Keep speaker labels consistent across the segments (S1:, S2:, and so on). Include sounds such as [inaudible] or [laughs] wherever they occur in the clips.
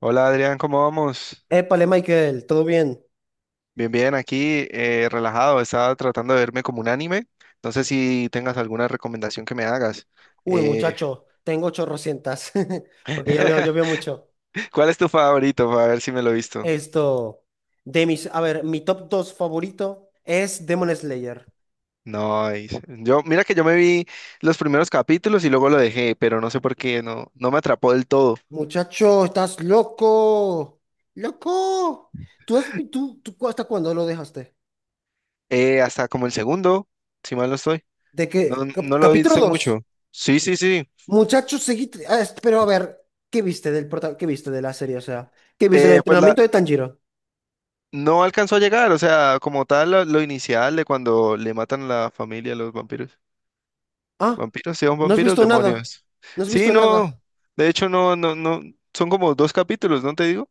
S1: Hola Adrián, ¿cómo vamos?
S2: Épale, Michael, ¿todo bien?
S1: Bien, bien, aquí relajado, estaba tratando de verme como un anime. No sé si tengas alguna recomendación que me hagas.
S2: Uy,
S1: Eh,
S2: muchacho, tengo chorrocientas, [laughs] porque yo veo
S1: [laughs]
S2: mucho.
S1: ¿cuál es tu favorito? Para ver si me lo he visto.
S2: Esto, a ver, mi top 2 favorito es Demon Slayer.
S1: No, yo, mira que yo me vi los primeros capítulos y luego lo dejé, pero no sé por qué, no, no me atrapó del todo.
S2: Muchacho, estás loco, loco. ¿Tú hasta cuándo lo dejaste?
S1: Hasta como el segundo, si mal no estoy.
S2: ¿De
S1: No,
S2: qué? Cap-
S1: no lo
S2: capítulo
S1: hice mucho.
S2: dos.
S1: Sí, sí, sí.
S2: Muchacho, seguiste, pero a ver, ¿qué viste de la serie? O sea, ¿qué viste del
S1: Eh, pues la,
S2: entrenamiento de Tanjiro?
S1: No alcanzó a llegar, o sea, como tal, lo inicial de cuando le matan a la familia a los vampiros.
S2: Ah,
S1: ¿Vampiros? ¿Sí son
S2: no has
S1: vampiros?
S2: visto nada,
S1: Demonios.
S2: no has
S1: Sí,
S2: visto nada.
S1: no. De hecho, no, no, no. Son como dos capítulos, ¿no te digo?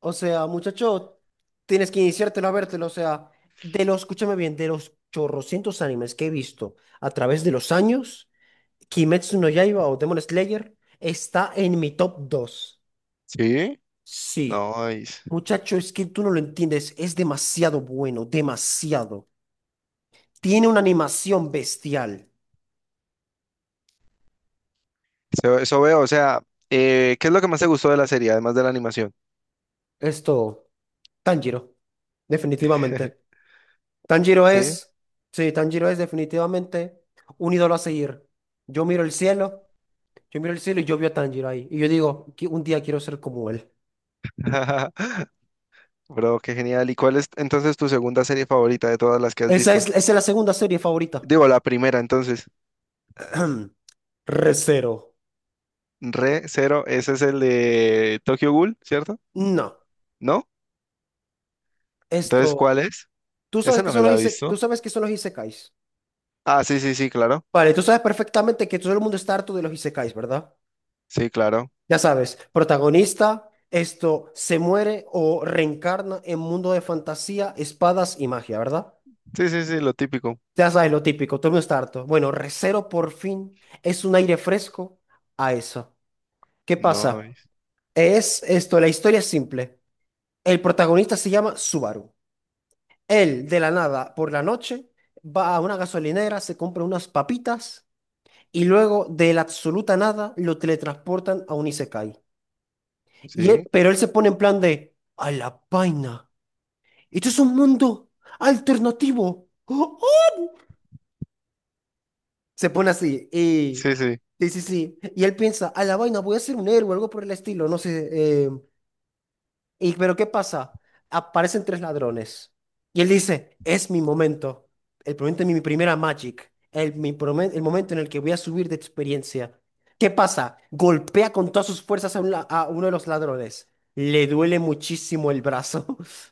S2: O sea, muchacho, tienes que iniciártelo a vértelo. O sea, escúchame bien, de los chorrocientos animes que he visto a través de los años, Kimetsu no Yaiba o Demon Slayer está en mi top 2.
S1: Sí.
S2: Sí,
S1: No, es-
S2: muchacho, es que tú no lo entiendes. Es demasiado bueno, demasiado. Tiene una animación bestial.
S1: eso veo. O sea, ¿qué es lo que más te gustó de la serie, además de la animación?
S2: Esto, Tanjiro, definitivamente.
S1: [laughs]
S2: Tanjiro
S1: Sí.
S2: es, sí, Tanjiro es definitivamente un ídolo a seguir. Yo miro el cielo. Yo miro el cielo y yo veo a Tanjiro ahí. Y yo digo: Un día quiero ser como él".
S1: [laughs] Bro, qué genial. ¿Y cuál es entonces tu segunda serie favorita de todas las que has
S2: Esa es,
S1: visto?
S2: esa es la segunda serie favorita.
S1: Digo, la primera, entonces.
S2: [clears throat] Recero.
S1: Re Zero, ese es el de Tokyo Ghoul, ¿cierto?
S2: No,
S1: ¿No? Entonces,
S2: esto.
S1: ¿cuál es? Esa no me la he
S2: Tú
S1: visto.
S2: sabes que son los isekais.
S1: Ah, sí, sí, sí, claro.
S2: Vale, tú sabes perfectamente que todo el mundo está harto de los isekais, ¿verdad?
S1: Sí, claro.
S2: Ya sabes, protagonista, esto se muere o reencarna en mundo de fantasía, espadas y magia, ¿verdad?
S1: Sí, sí, sí, lo típico.
S2: Ya sabes lo típico, todo el mundo está harto. Bueno, Recero por fin es un aire fresco a eso. ¿Qué
S1: No,
S2: pasa? La historia es simple. El protagonista se llama Subaru. Él, de la nada, por la noche, va a una gasolinera, se compra unas papitas y luego, de la absoluta nada, lo teletransportan a un Isekai.
S1: sí,
S2: Pero él se pone en plan de, a la vaina, esto es un mundo alternativo. [gasps] ¡Oh, oh! Se pone así y...
S1: sí, sí.
S2: sí, sí, sí. Y él piensa, a la vaina, voy a ser un héroe, o algo por el estilo, no sé. Y pero ¿qué pasa? Aparecen tres ladrones. Y él dice, es mi momento. El momento de mi primera Magic. El momento en el que voy a subir de experiencia. ¿Qué pasa? Golpea con todas sus fuerzas a uno de los ladrones. Le duele muchísimo el brazo. [laughs]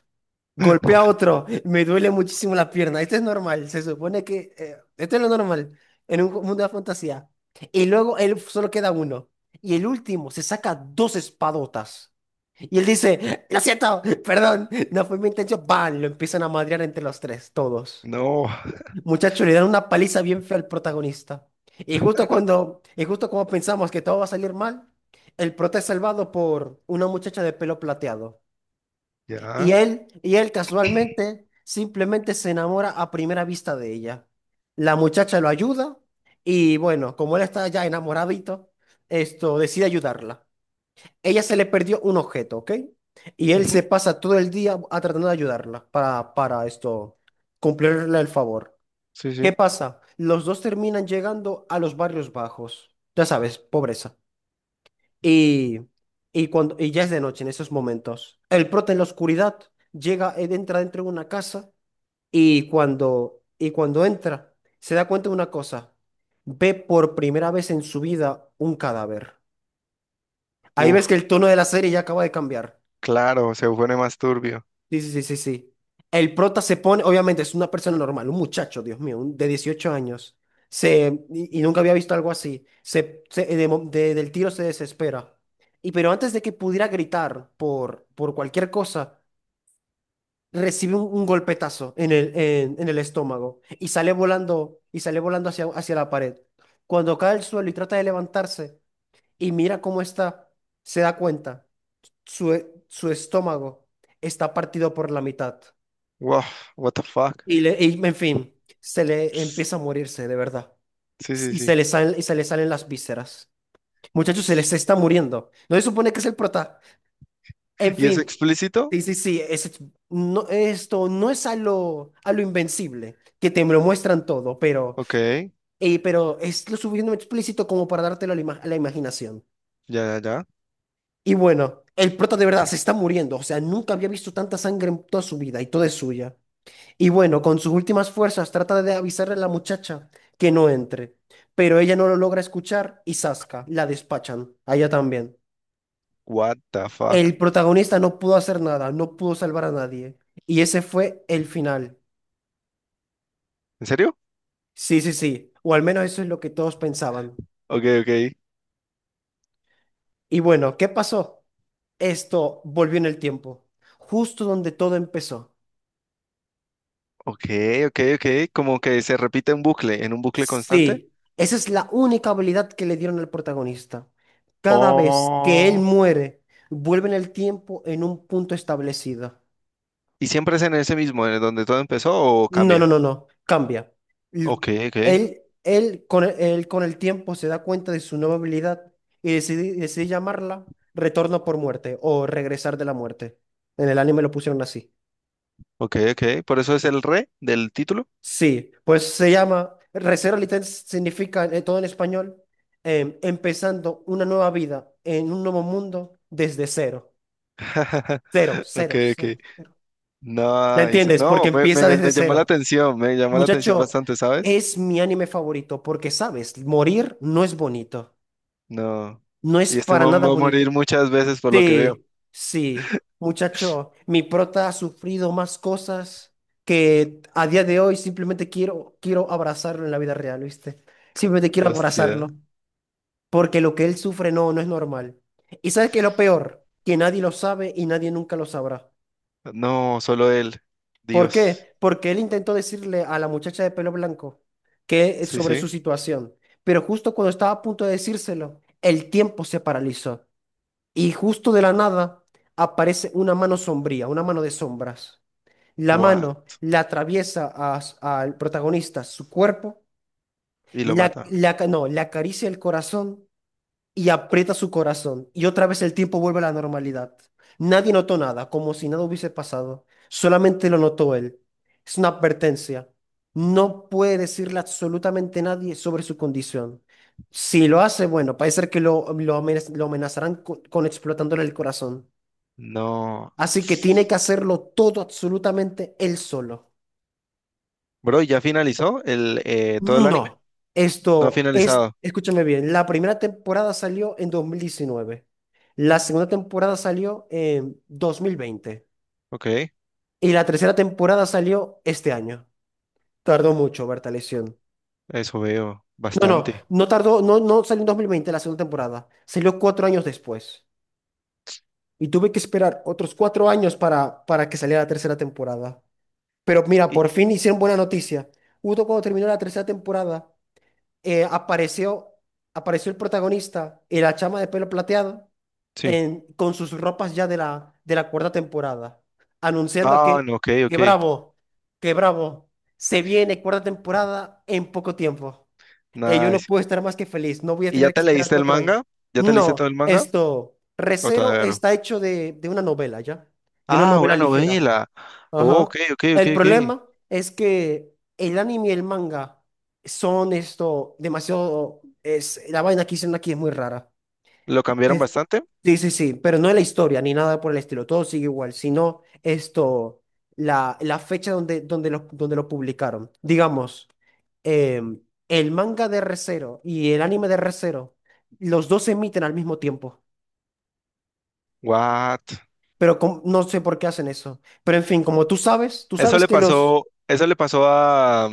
S2: Golpea a
S1: [laughs]
S2: otro. Me duele muchísimo la pierna. Esto es normal. Se supone que, esto es lo normal en un mundo de fantasía. Y luego él solo queda uno. Y el último se saca dos espadotas. Y él dice, lo siento, perdón, no fue mi intención. Lo empiezan a madrear entre los tres, todos.
S1: No,
S2: Muchachos, le dan una paliza bien fea al protagonista. Y justo cuando, y justo como pensamos que todo va a salir mal, el prota es salvado por una muchacha de pelo plateado. Y
S1: ya.
S2: él, y él casualmente, simplemente se enamora a primera vista de ella. La muchacha lo ayuda y bueno, como él está ya enamoradito, esto decide ayudarla. Ella se le perdió un objeto, ¿ok? Y él
S1: Ujú,
S2: se pasa todo el día a tratando de ayudarla para cumplirle el favor.
S1: sí,
S2: ¿Qué
S1: sí.
S2: pasa? Los dos terminan llegando a los barrios bajos, ya sabes, pobreza. Y, y ya es de noche en esos momentos. El prota en la oscuridad llega, él entra dentro de una casa y cuando entra se da cuenta de una cosa. Ve por primera vez en su vida un cadáver. Ahí
S1: Uf,
S2: ves que el tono de la serie ya acaba de cambiar.
S1: claro, se pone más turbio.
S2: Sí, sí, sí, sí, sí. El prota se pone, obviamente es una persona normal, un muchacho, Dios mío, de 18 años. Se, y nunca había visto algo así. Del tiro se desespera. Y pero antes de que pudiera gritar por cualquier cosa, recibe un golpetazo en el estómago y sale volando, hacia, la pared. Cuando cae al suelo y trata de levantarse y mira cómo está, se da cuenta. Su estómago está partido por la mitad.
S1: Wow, what the fuck.
S2: En fin, se le empieza a morirse, de verdad.
S1: Sí, sí,
S2: Y se
S1: sí.
S2: le salen, y se le salen las vísceras. Muchachos, se les está muriendo. No se supone que es el prota. En
S1: ¿Y es
S2: fin,
S1: explícito?
S2: sí, sí, sí. No, esto no es a lo invencible, que te lo muestran todo,
S1: Ok, ya,
S2: pero es lo suficientemente explícito como para dártelo a la imaginación.
S1: ya, ya.
S2: Y bueno, el prota de verdad se está muriendo. O sea, nunca había visto tanta sangre en toda su vida y toda es suya. Y bueno, con sus últimas fuerzas trata de avisarle a la muchacha que no entre, pero ella no lo logra escuchar y zasca, la despachan, a ella también.
S1: What the fuck.
S2: El protagonista no pudo hacer nada, no pudo salvar a nadie. Y ese fue el final.
S1: ¿En serio?
S2: Sí, sí, sí, o al menos eso es lo que todos pensaban.
S1: Ok, ok.
S2: Y bueno, ¿qué pasó? Esto volvió en el tiempo, justo donde todo empezó.
S1: Ok, ok, ok. Como que se repite en bucle, en un bucle constante.
S2: Sí, esa es la única habilidad que le dieron al protagonista. Cada vez que él
S1: Oh.
S2: muere, vuelve en el tiempo en un punto establecido.
S1: ¿Y siempre es en ese mismo, en donde todo empezó o
S2: No,
S1: cambia?
S2: no, no, no, cambia. L-
S1: Ok, ok,
S2: él con el tiempo se da cuenta de su nueva habilidad y decide llamarla Retorno por muerte o Regresar de la muerte. En el anime lo pusieron así.
S1: ok, ok. Por eso es el re del título.
S2: Sí, pues se llama Recero. Literal significa, todo en español, empezando una nueva vida en un nuevo mundo desde cero.
S1: [laughs]
S2: Cero,
S1: Ok,
S2: cero,
S1: ok.
S2: cero, cero. ¿La
S1: Nice.
S2: entiendes?
S1: No,
S2: Porque empieza desde
S1: me llamó la
S2: cero.
S1: atención, me llamó la atención
S2: Muchacho,
S1: bastante, ¿sabes?
S2: es mi anime favorito porque, sabes, morir no es bonito.
S1: No.
S2: No es
S1: Y este
S2: para
S1: man
S2: nada
S1: va a
S2: bonito.
S1: morir muchas veces por lo que veo.
S2: Sí, sí, muchacho, mi prota ha sufrido más cosas que a día de hoy simplemente quiero, abrazarlo en la vida real, ¿viste? Simplemente quiero
S1: Hostia.
S2: abrazarlo, porque lo que él sufre no, no es normal. ¿Y sabes qué es lo peor? Que nadie lo sabe y nadie nunca lo sabrá.
S1: No, solo él.
S2: ¿Por
S1: Dios.
S2: qué? Porque él intentó decirle a la muchacha de pelo blanco que
S1: Sí,
S2: sobre su
S1: sí.
S2: situación, pero justo cuando estaba a punto de decírselo, el tiempo se paralizó. Y justo de la nada aparece una mano sombría, una mano de sombras. La
S1: What?
S2: mano la atraviesa a al protagonista su cuerpo,
S1: Y lo mata.
S2: no, le acaricia el corazón y aprieta su corazón. Y otra vez el tiempo vuelve a la normalidad. Nadie notó nada, como si nada hubiese pasado. Solamente lo notó él. Es una advertencia. No puede decirle absolutamente nadie sobre su condición. Si lo hace, bueno, parece ser que lo amenazarán con explotándole el corazón.
S1: No.
S2: Así que tiene que hacerlo todo absolutamente él solo.
S1: Bro, ¿y ¿ya finalizó el todo el anime?
S2: No.
S1: No ha
S2: Esto es,
S1: finalizado.
S2: escúchame bien, la primera temporada salió en 2019, la segunda temporada salió en 2020
S1: Ok,
S2: y la tercera temporada salió este año. Tardó mucho, Bertaleción.
S1: eso veo.
S2: No, no,
S1: Bastante.
S2: no tardó, no, no salió en 2020 la segunda temporada, salió 4 años después y tuve que esperar otros 4 años para que saliera la tercera temporada. Pero mira,
S1: Y,
S2: por fin hicieron buena noticia. Justo cuando terminó la tercera temporada. eh, apareció, apareció el protagonista y la chama de pelo plateado
S1: sí.
S2: con sus ropas ya de la cuarta temporada, anunciando
S1: Ah,
S2: que,
S1: no, ok, ok.
S2: bravo, que bravo, se viene cuarta temporada en poco tiempo. Yo no
S1: Nice.
S2: puedo estar más que feliz, no voy a
S1: ¿Y ya
S2: tener que
S1: te
S2: esperar
S1: leíste el
S2: 4 años.
S1: manga? ¿Ya te leíste todo
S2: No,
S1: el manga? ¿O
S2: Recero
S1: todavía no?
S2: está hecho de una novela, ¿ya? De una
S1: Ah,
S2: novela
S1: una
S2: ligera.
S1: novela. Oh,
S2: Ajá.
S1: ok, ok, ok,
S2: El
S1: ok.
S2: problema es que el anime y el manga son esto demasiado. La vaina que hicieron aquí es muy rara.
S1: ¿Lo cambiaron
S2: Es-
S1: bastante?
S2: sí, sí, sí, pero no es la historia ni nada por el estilo. Todo sigue igual, sino la, fecha donde lo publicaron. Digamos, em, el manga de Re:Zero y el anime de Re:Zero, los dos se emiten al mismo tiempo.
S1: What?
S2: Pero no sé por qué hacen eso. Pero en fin, como tú sabes, que los.
S1: Eso le pasó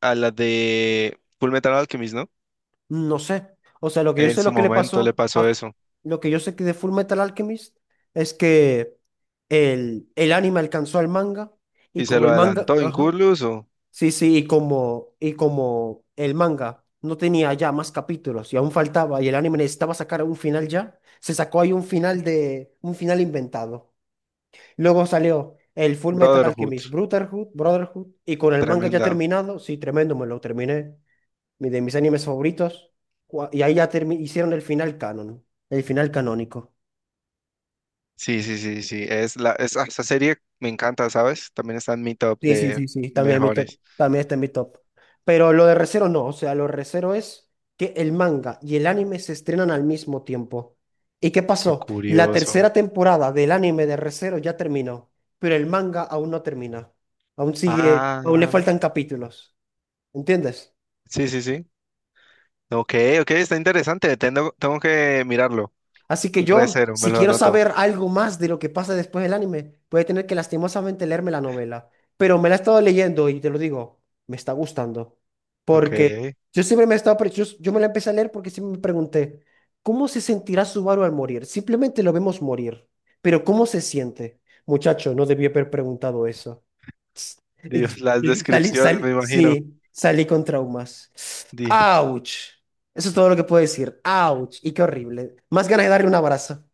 S1: a la de Fullmetal Alchemist, ¿no?
S2: No sé. O sea, lo que yo
S1: En
S2: sé
S1: su
S2: lo que le
S1: momento le
S2: pasó
S1: pasó
S2: a
S1: eso.
S2: lo que yo sé que de Full Metal Alchemist es que el anime alcanzó al manga y
S1: Y se
S2: como
S1: lo
S2: el manga,
S1: adelantó
S2: ajá,
S1: incluso.
S2: sí, sí, y como el manga no tenía ya más capítulos y aún faltaba y el anime necesitaba sacar un final ya, se sacó ahí un final inventado. Luego salió el Full Metal
S1: Brotherhood.
S2: Alchemist Brotherhood, y con el manga ya
S1: Tremenda.
S2: terminado, sí, tremendo, me lo terminé. De mis animes favoritos. Y ahí hicieron el final canon, el final canónico.
S1: Sí, sí, sí, sí. Ah, esa serie me encanta, ¿sabes? También está en mi top
S2: Sí, sí,
S1: de
S2: sí, sí. También en mi top,
S1: mejores.
S2: también está en mi top. Pero lo de Re:Zero no, o sea, lo de Re:Zero es que el manga y el anime se estrenan al mismo tiempo. ¿Y qué
S1: Qué
S2: pasó? La
S1: curioso.
S2: tercera temporada del anime de Re:Zero ya terminó, pero el manga aún no termina. Aún sigue, aún le
S1: Ah,
S2: faltan capítulos. ¿Entiendes?
S1: sí, sí, sí. Ok, ok, está interesante. Tengo que mirarlo.
S2: Así que yo,
S1: Recero, me
S2: si
S1: lo
S2: quiero
S1: anoto.
S2: saber algo más de lo que pasa después del anime, voy a tener que lastimosamente leerme la novela. Pero me la he estado leyendo y te lo digo, me está gustando.
S1: Ok.
S2: Porque yo siempre me he estado, pre- Yo me la empecé a leer porque siempre me pregunté, ¿cómo se sentirá Subaru al morir? Simplemente lo vemos morir. Pero ¿cómo se siente? Muchacho, no debí haber preguntado eso.
S1: Dios, las
S2: Y
S1: descripciones, me imagino.
S2: sí, salí con traumas.
S1: Dios.
S2: ¡Auch! Eso es todo lo que puedo decir. ¡Auch! Y qué horrible. Más ganas de darle un abrazo.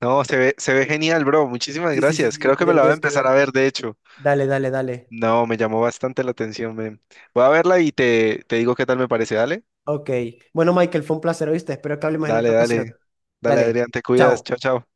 S1: No, se ve genial, bro. Muchísimas
S2: Sí, sí, sí,
S1: gracias.
S2: sí,
S1: Creo
S2: te
S1: que me
S2: le
S1: la voy a
S2: tienes que
S1: empezar a
S2: ver.
S1: ver, de hecho.
S2: Dale, dale, dale.
S1: No, me llamó bastante la atención, men. Voy a verla y te digo qué tal me parece. Dale,
S2: Ok. Bueno, Michael, fue un placer, ¿oíste? Espero que hablemos en
S1: dale,
S2: otra ocasión.
S1: dale. Dale,
S2: Dale.
S1: Adrián, te cuidas.
S2: Chao.
S1: Chao, chao.